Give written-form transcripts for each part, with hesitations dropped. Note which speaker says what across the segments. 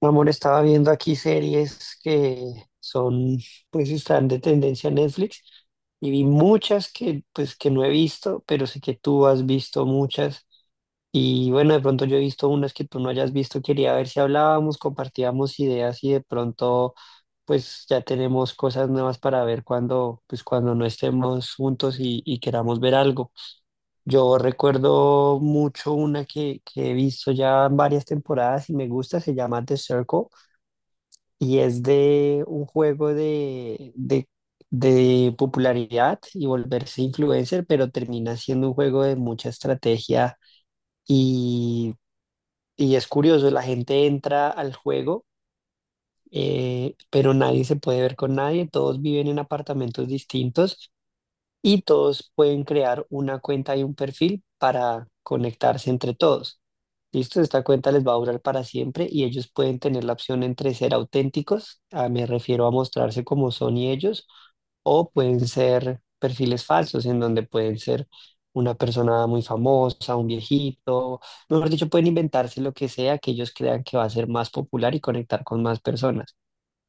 Speaker 1: Amor, estaba viendo aquí series que son, pues están de tendencia en Netflix y vi muchas que, pues, que no he visto, pero sé que tú has visto muchas. Y bueno, de pronto yo he visto unas que tú no hayas visto, quería ver si hablábamos, compartíamos ideas y de pronto, pues ya tenemos cosas nuevas para ver cuando, pues cuando no estemos juntos y queramos ver algo. Yo recuerdo mucho una que he visto ya varias temporadas y me gusta, se llama The Circle, y es de un juego de popularidad y volverse influencer, pero termina siendo un juego de mucha estrategia. Y, y es curioso, la gente entra al juego, pero nadie se puede ver con nadie, todos viven en apartamentos distintos y todos pueden crear una cuenta y un perfil para conectarse entre todos. Listo, esta cuenta les va a durar para siempre y ellos pueden tener la opción entre ser auténticos, ah, me refiero a mostrarse como son y ellos, o pueden ser perfiles falsos en donde pueden ser una persona muy famosa, un viejito, mejor dicho, pueden inventarse lo que sea que ellos crean que va a ser más popular y conectar con más personas.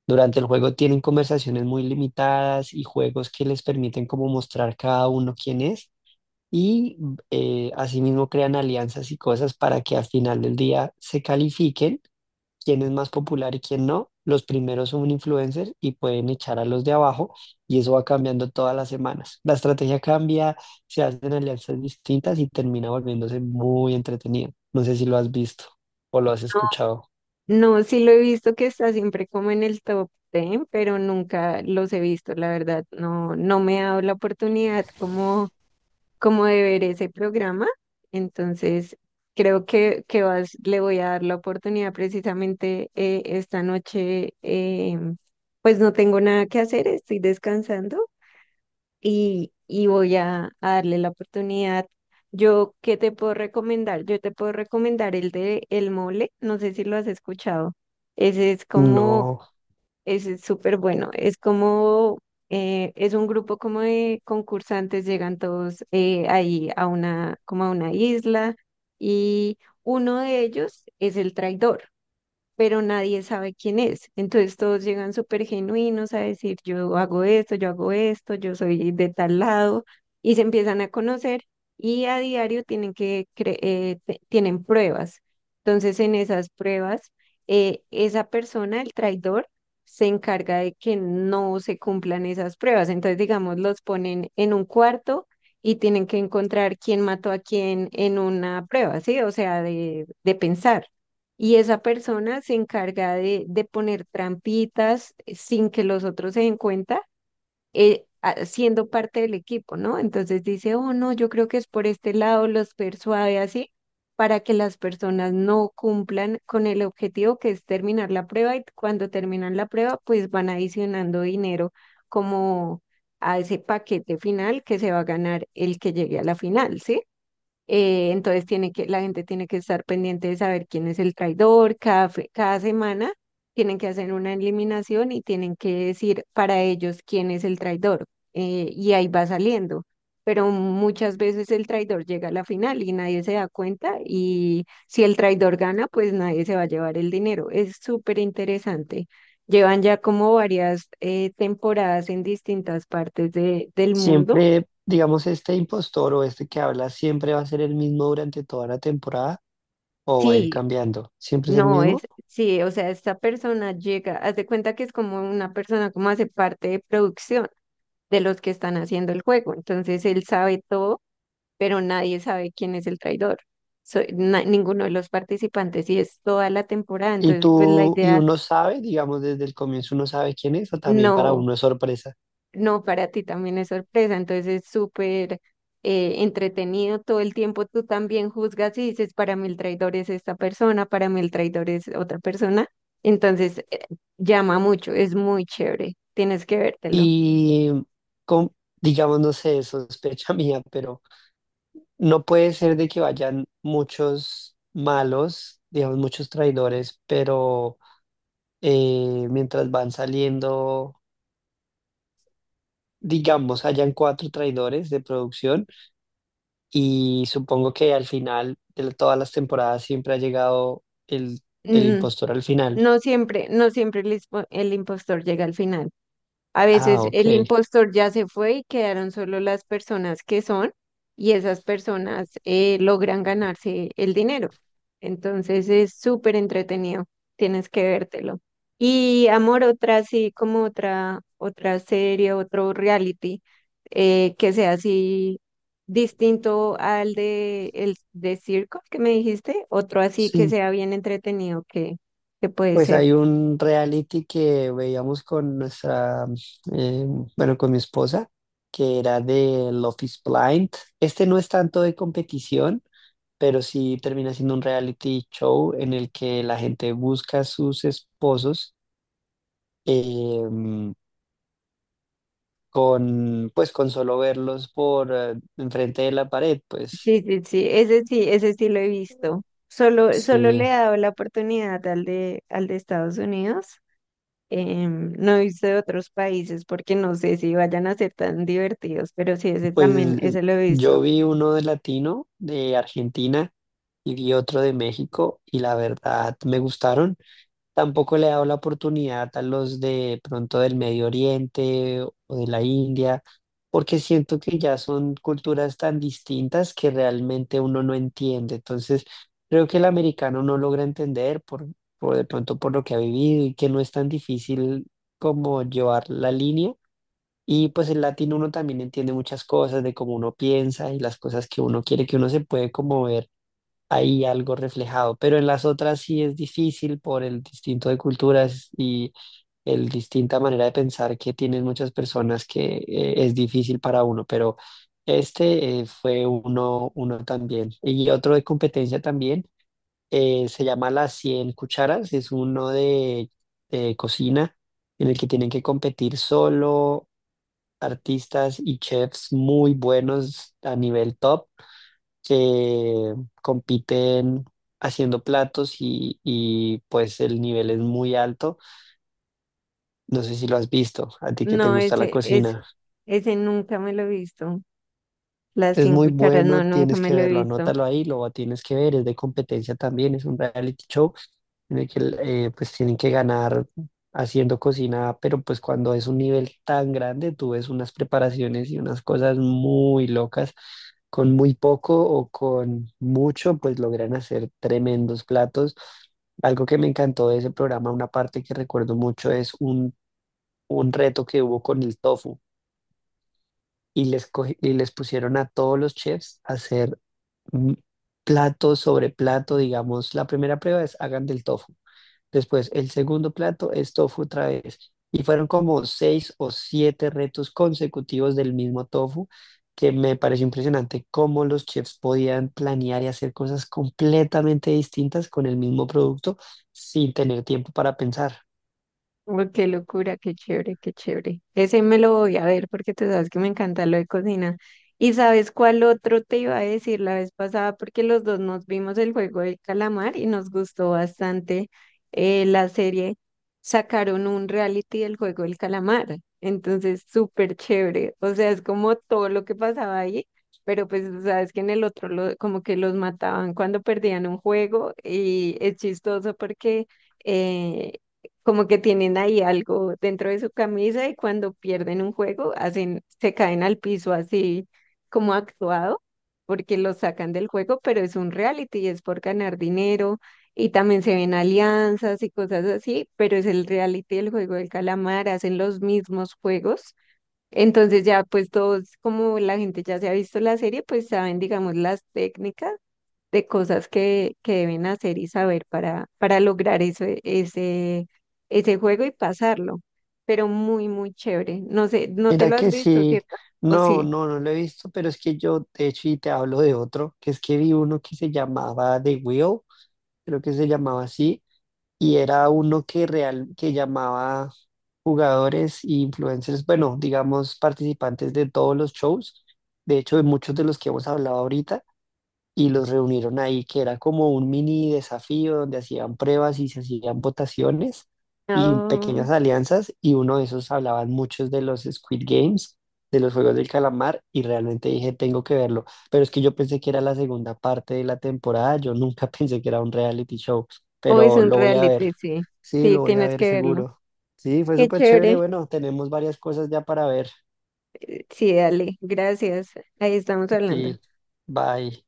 Speaker 1: Durante el juego tienen conversaciones muy limitadas y juegos que les permiten como mostrar cada uno quién es y asimismo crean alianzas y cosas para que al final del día se califiquen quién es más popular y quién no. Los primeros son influencers y pueden echar a los de abajo y eso va cambiando todas las semanas. La estrategia cambia, se hacen alianzas distintas y termina volviéndose muy entretenido. No sé si lo has visto o lo has escuchado.
Speaker 2: No, sí lo he visto que está siempre como en el top 10, pero nunca los he visto, la verdad. No, no me ha dado la oportunidad como de ver ese programa. Entonces, creo que le voy a dar la oportunidad precisamente esta noche. Pues no tengo nada que hacer, estoy descansando y voy a darle la oportunidad. Yo, ¿qué te puedo recomendar? Yo te puedo recomendar el de El Mole, no sé si lo has escuchado. Ese es como,
Speaker 1: No.
Speaker 2: Ese es súper bueno, es como, es un grupo como de concursantes, llegan todos ahí a una, como a una isla y uno de ellos es el traidor, pero nadie sabe quién es. Entonces todos llegan súper genuinos a decir, yo hago esto, yo hago esto, yo soy de tal lado, y se empiezan a conocer y a diario tienen que, cre- te- tienen pruebas. Entonces en esas pruebas, esa persona, el traidor, se encarga de que no se cumplan esas pruebas. Entonces, digamos, los ponen en un cuarto. Y tienen que encontrar quién mató a quién en una prueba, ¿sí? O sea, de pensar. Y esa persona se encarga de poner trampitas sin que los otros se den cuenta, siendo parte del equipo, ¿no? Entonces dice, oh, no, yo creo que es por este lado, los persuade así, para que las personas no cumplan con el objetivo que es terminar la prueba y cuando terminan la prueba, pues van adicionando dinero como a ese paquete final que se va a ganar el que llegue a la final, ¿sí? Entonces tiene que, la gente tiene que estar pendiente de saber quién es el traidor. Cada semana tienen que hacer una eliminación y tienen que decir para ellos quién es el traidor. Y ahí va saliendo. Pero muchas veces el traidor llega a la final y nadie se da cuenta. Y si el traidor gana, pues nadie se va a llevar el dinero. Es súper interesante. Llevan ya como varias temporadas en distintas partes de- del mundo.
Speaker 1: Siempre, digamos, este impostor o este que habla siempre va a ser el mismo durante toda la temporada o va a ir
Speaker 2: Sí,
Speaker 1: cambiando. Siempre es el
Speaker 2: no, es,
Speaker 1: mismo.
Speaker 2: sí, o sea, esta persona llega, haz de cuenta que es como una persona como hace parte de producción de los que están haciendo el juego. Entonces él sabe todo, pero nadie sabe quién es el traidor. Ninguno de los participantes y es toda la temporada.
Speaker 1: Y
Speaker 2: Entonces, pues la
Speaker 1: tú, y
Speaker 2: idea
Speaker 1: uno sabe, digamos, desde el comienzo uno sabe quién es o también para
Speaker 2: no.
Speaker 1: uno es sorpresa.
Speaker 2: No, para ti también es sorpresa, entonces es súper entretenido todo el tiempo. Tú también juzgas y dices, para mí el traidor es esta persona, para mí el traidor es otra persona. Entonces llama mucho, es muy chévere, tienes que vértelo.
Speaker 1: Y con, digamos, no sé, sospecha mía, pero no puede ser de que vayan muchos malos, digamos, muchos traidores, pero mientras van saliendo, digamos, hayan cuatro traidores de producción. Y supongo que al final de todas las temporadas siempre ha llegado el
Speaker 2: Mm,
Speaker 1: impostor al final.
Speaker 2: no siempre, no siempre el, ispo- el impostor llega al final. A
Speaker 1: Ah,
Speaker 2: veces el
Speaker 1: ok.
Speaker 2: impostor ya se fue y quedaron solo las personas que son, y esas personas logran ganarse el dinero. Entonces es súper entretenido, tienes que vértelo. Y amor, otra así como otra serie, otro reality que sea así distinto al de Circo que me dijiste, otro así que
Speaker 1: Sí.
Speaker 2: sea bien entretenido que puede
Speaker 1: Pues hay
Speaker 2: ser.
Speaker 1: un reality que veíamos con nuestra, eh, bueno, con mi esposa, que era de Love is Blind. Este no es tanto de competición, pero sí termina siendo un reality show en el que la gente busca a sus esposos. eh, con, pues, con solo verlos por enfrente de la pared, pues
Speaker 2: Sí, ese sí lo he visto. Solo
Speaker 1: sí,
Speaker 2: le he dado la oportunidad al de Estados Unidos. No he visto de otros países porque no sé si vayan a ser tan divertidos, pero sí, ese también,
Speaker 1: pues
Speaker 2: ese lo he visto.
Speaker 1: yo vi uno de latino de Argentina y vi otro de México y la verdad me gustaron. Tampoco le he dado la oportunidad a los de pronto del Medio Oriente o de la India, porque siento que ya son culturas tan distintas que realmente uno no entiende. Entonces, creo que el americano no logra entender por de pronto por lo que ha vivido y que no es tan difícil como llevar la línea. Y pues el latino uno también entiende muchas cosas de cómo uno piensa y las cosas que uno quiere, que uno se puede como ver, hay algo reflejado, pero en las otras sí es difícil por el distinto de culturas y el distinta manera de pensar que tienen muchas personas que es difícil para uno, pero este fue uno, uno también. Y otro de competencia también se llama Las Cien Cucharas, es uno de cocina en el que tienen que competir solo artistas y chefs muy buenos a nivel top, que compiten haciendo platos y pues el nivel es muy alto. No sé si lo has visto, a ti que te
Speaker 2: No,
Speaker 1: gusta la
Speaker 2: ese, es,
Speaker 1: cocina.
Speaker 2: ese nunca me lo he visto. Las
Speaker 1: Es
Speaker 2: cinco
Speaker 1: muy
Speaker 2: cucharas,
Speaker 1: bueno,
Speaker 2: no, nunca
Speaker 1: tienes
Speaker 2: me
Speaker 1: que
Speaker 2: lo he
Speaker 1: verlo,
Speaker 2: visto.
Speaker 1: anótalo ahí, lo tienes que ver, es de competencia también, es un reality show en el que pues tienen que ganar haciendo cocina, pero pues cuando es un nivel tan grande, tú ves unas preparaciones y unas cosas muy locas, con muy poco o con mucho, pues logran hacer tremendos platos. Algo que me encantó de ese programa, una parte que recuerdo mucho, es un reto que hubo con el tofu y les pusieron a todos los chefs a hacer mm, plato sobre plato, digamos, la primera prueba es hagan del tofu, después el segundo plato es tofu otra vez, y fueron como seis o siete retos consecutivos del mismo tofu, que me pareció impresionante cómo los chefs podían planear y hacer cosas completamente distintas con el mismo producto sin tener tiempo para pensar.
Speaker 2: Uy, qué locura, qué chévere, qué chévere. Ese me lo voy a ver porque tú sabes que me encanta lo de cocina. ¿Y sabes cuál otro te iba a decir la vez pasada? Porque los dos nos vimos El Juego del Calamar y nos gustó bastante la serie. Sacaron un reality del juego del calamar. Entonces, súper chévere. O sea, es como todo lo que pasaba ahí, pero pues tú sabes que en el otro como que los mataban cuando perdían un juego y es chistoso porque eh, como que tienen ahí algo dentro de su camisa y cuando pierden un juego hacen, se caen al piso así como actuado, porque los sacan del juego, pero es un reality y es por ganar dinero y también se ven alianzas y cosas así, pero es el reality del juego del calamar, hacen los mismos juegos. Entonces ya pues todos, como la gente ya se ha visto la serie, pues saben, digamos, las técnicas de cosas que deben hacer y saber para lograr ese juego y pasarlo. Pero muy chévere. No sé, no te
Speaker 1: Mira
Speaker 2: lo has
Speaker 1: que
Speaker 2: visto,
Speaker 1: sí,
Speaker 2: ¿cierto? ¿O
Speaker 1: no,
Speaker 2: sí?
Speaker 1: no, no lo he visto, pero es que yo, de hecho, y te hablo de otro, que es que vi uno que se llamaba The Wheel, creo que se llamaba así, y era uno que real, que llamaba jugadores e influencers, bueno, digamos, participantes de todos los shows, de hecho, de muchos de los que hemos hablado ahorita, y los reunieron ahí, que era como un mini desafío donde hacían pruebas y se hacían votaciones y
Speaker 2: Oh,
Speaker 1: pequeñas alianzas, y uno de esos hablaban muchos de los Squid Games, de los Juegos del Calamar, y realmente dije, tengo que verlo, pero es que yo pensé que era la segunda parte de la temporada, yo nunca pensé que era un reality show,
Speaker 2: o es
Speaker 1: pero
Speaker 2: un
Speaker 1: lo voy a ver,
Speaker 2: reality, sí.
Speaker 1: sí,
Speaker 2: Sí,
Speaker 1: lo voy a
Speaker 2: tienes
Speaker 1: ver
Speaker 2: que verlo.
Speaker 1: seguro. Sí, fue
Speaker 2: Qué
Speaker 1: súper chévere,
Speaker 2: chévere.
Speaker 1: bueno, tenemos varias cosas ya para ver.
Speaker 2: Sí, dale. Gracias. Ahí estamos hablando.
Speaker 1: Sí, bye.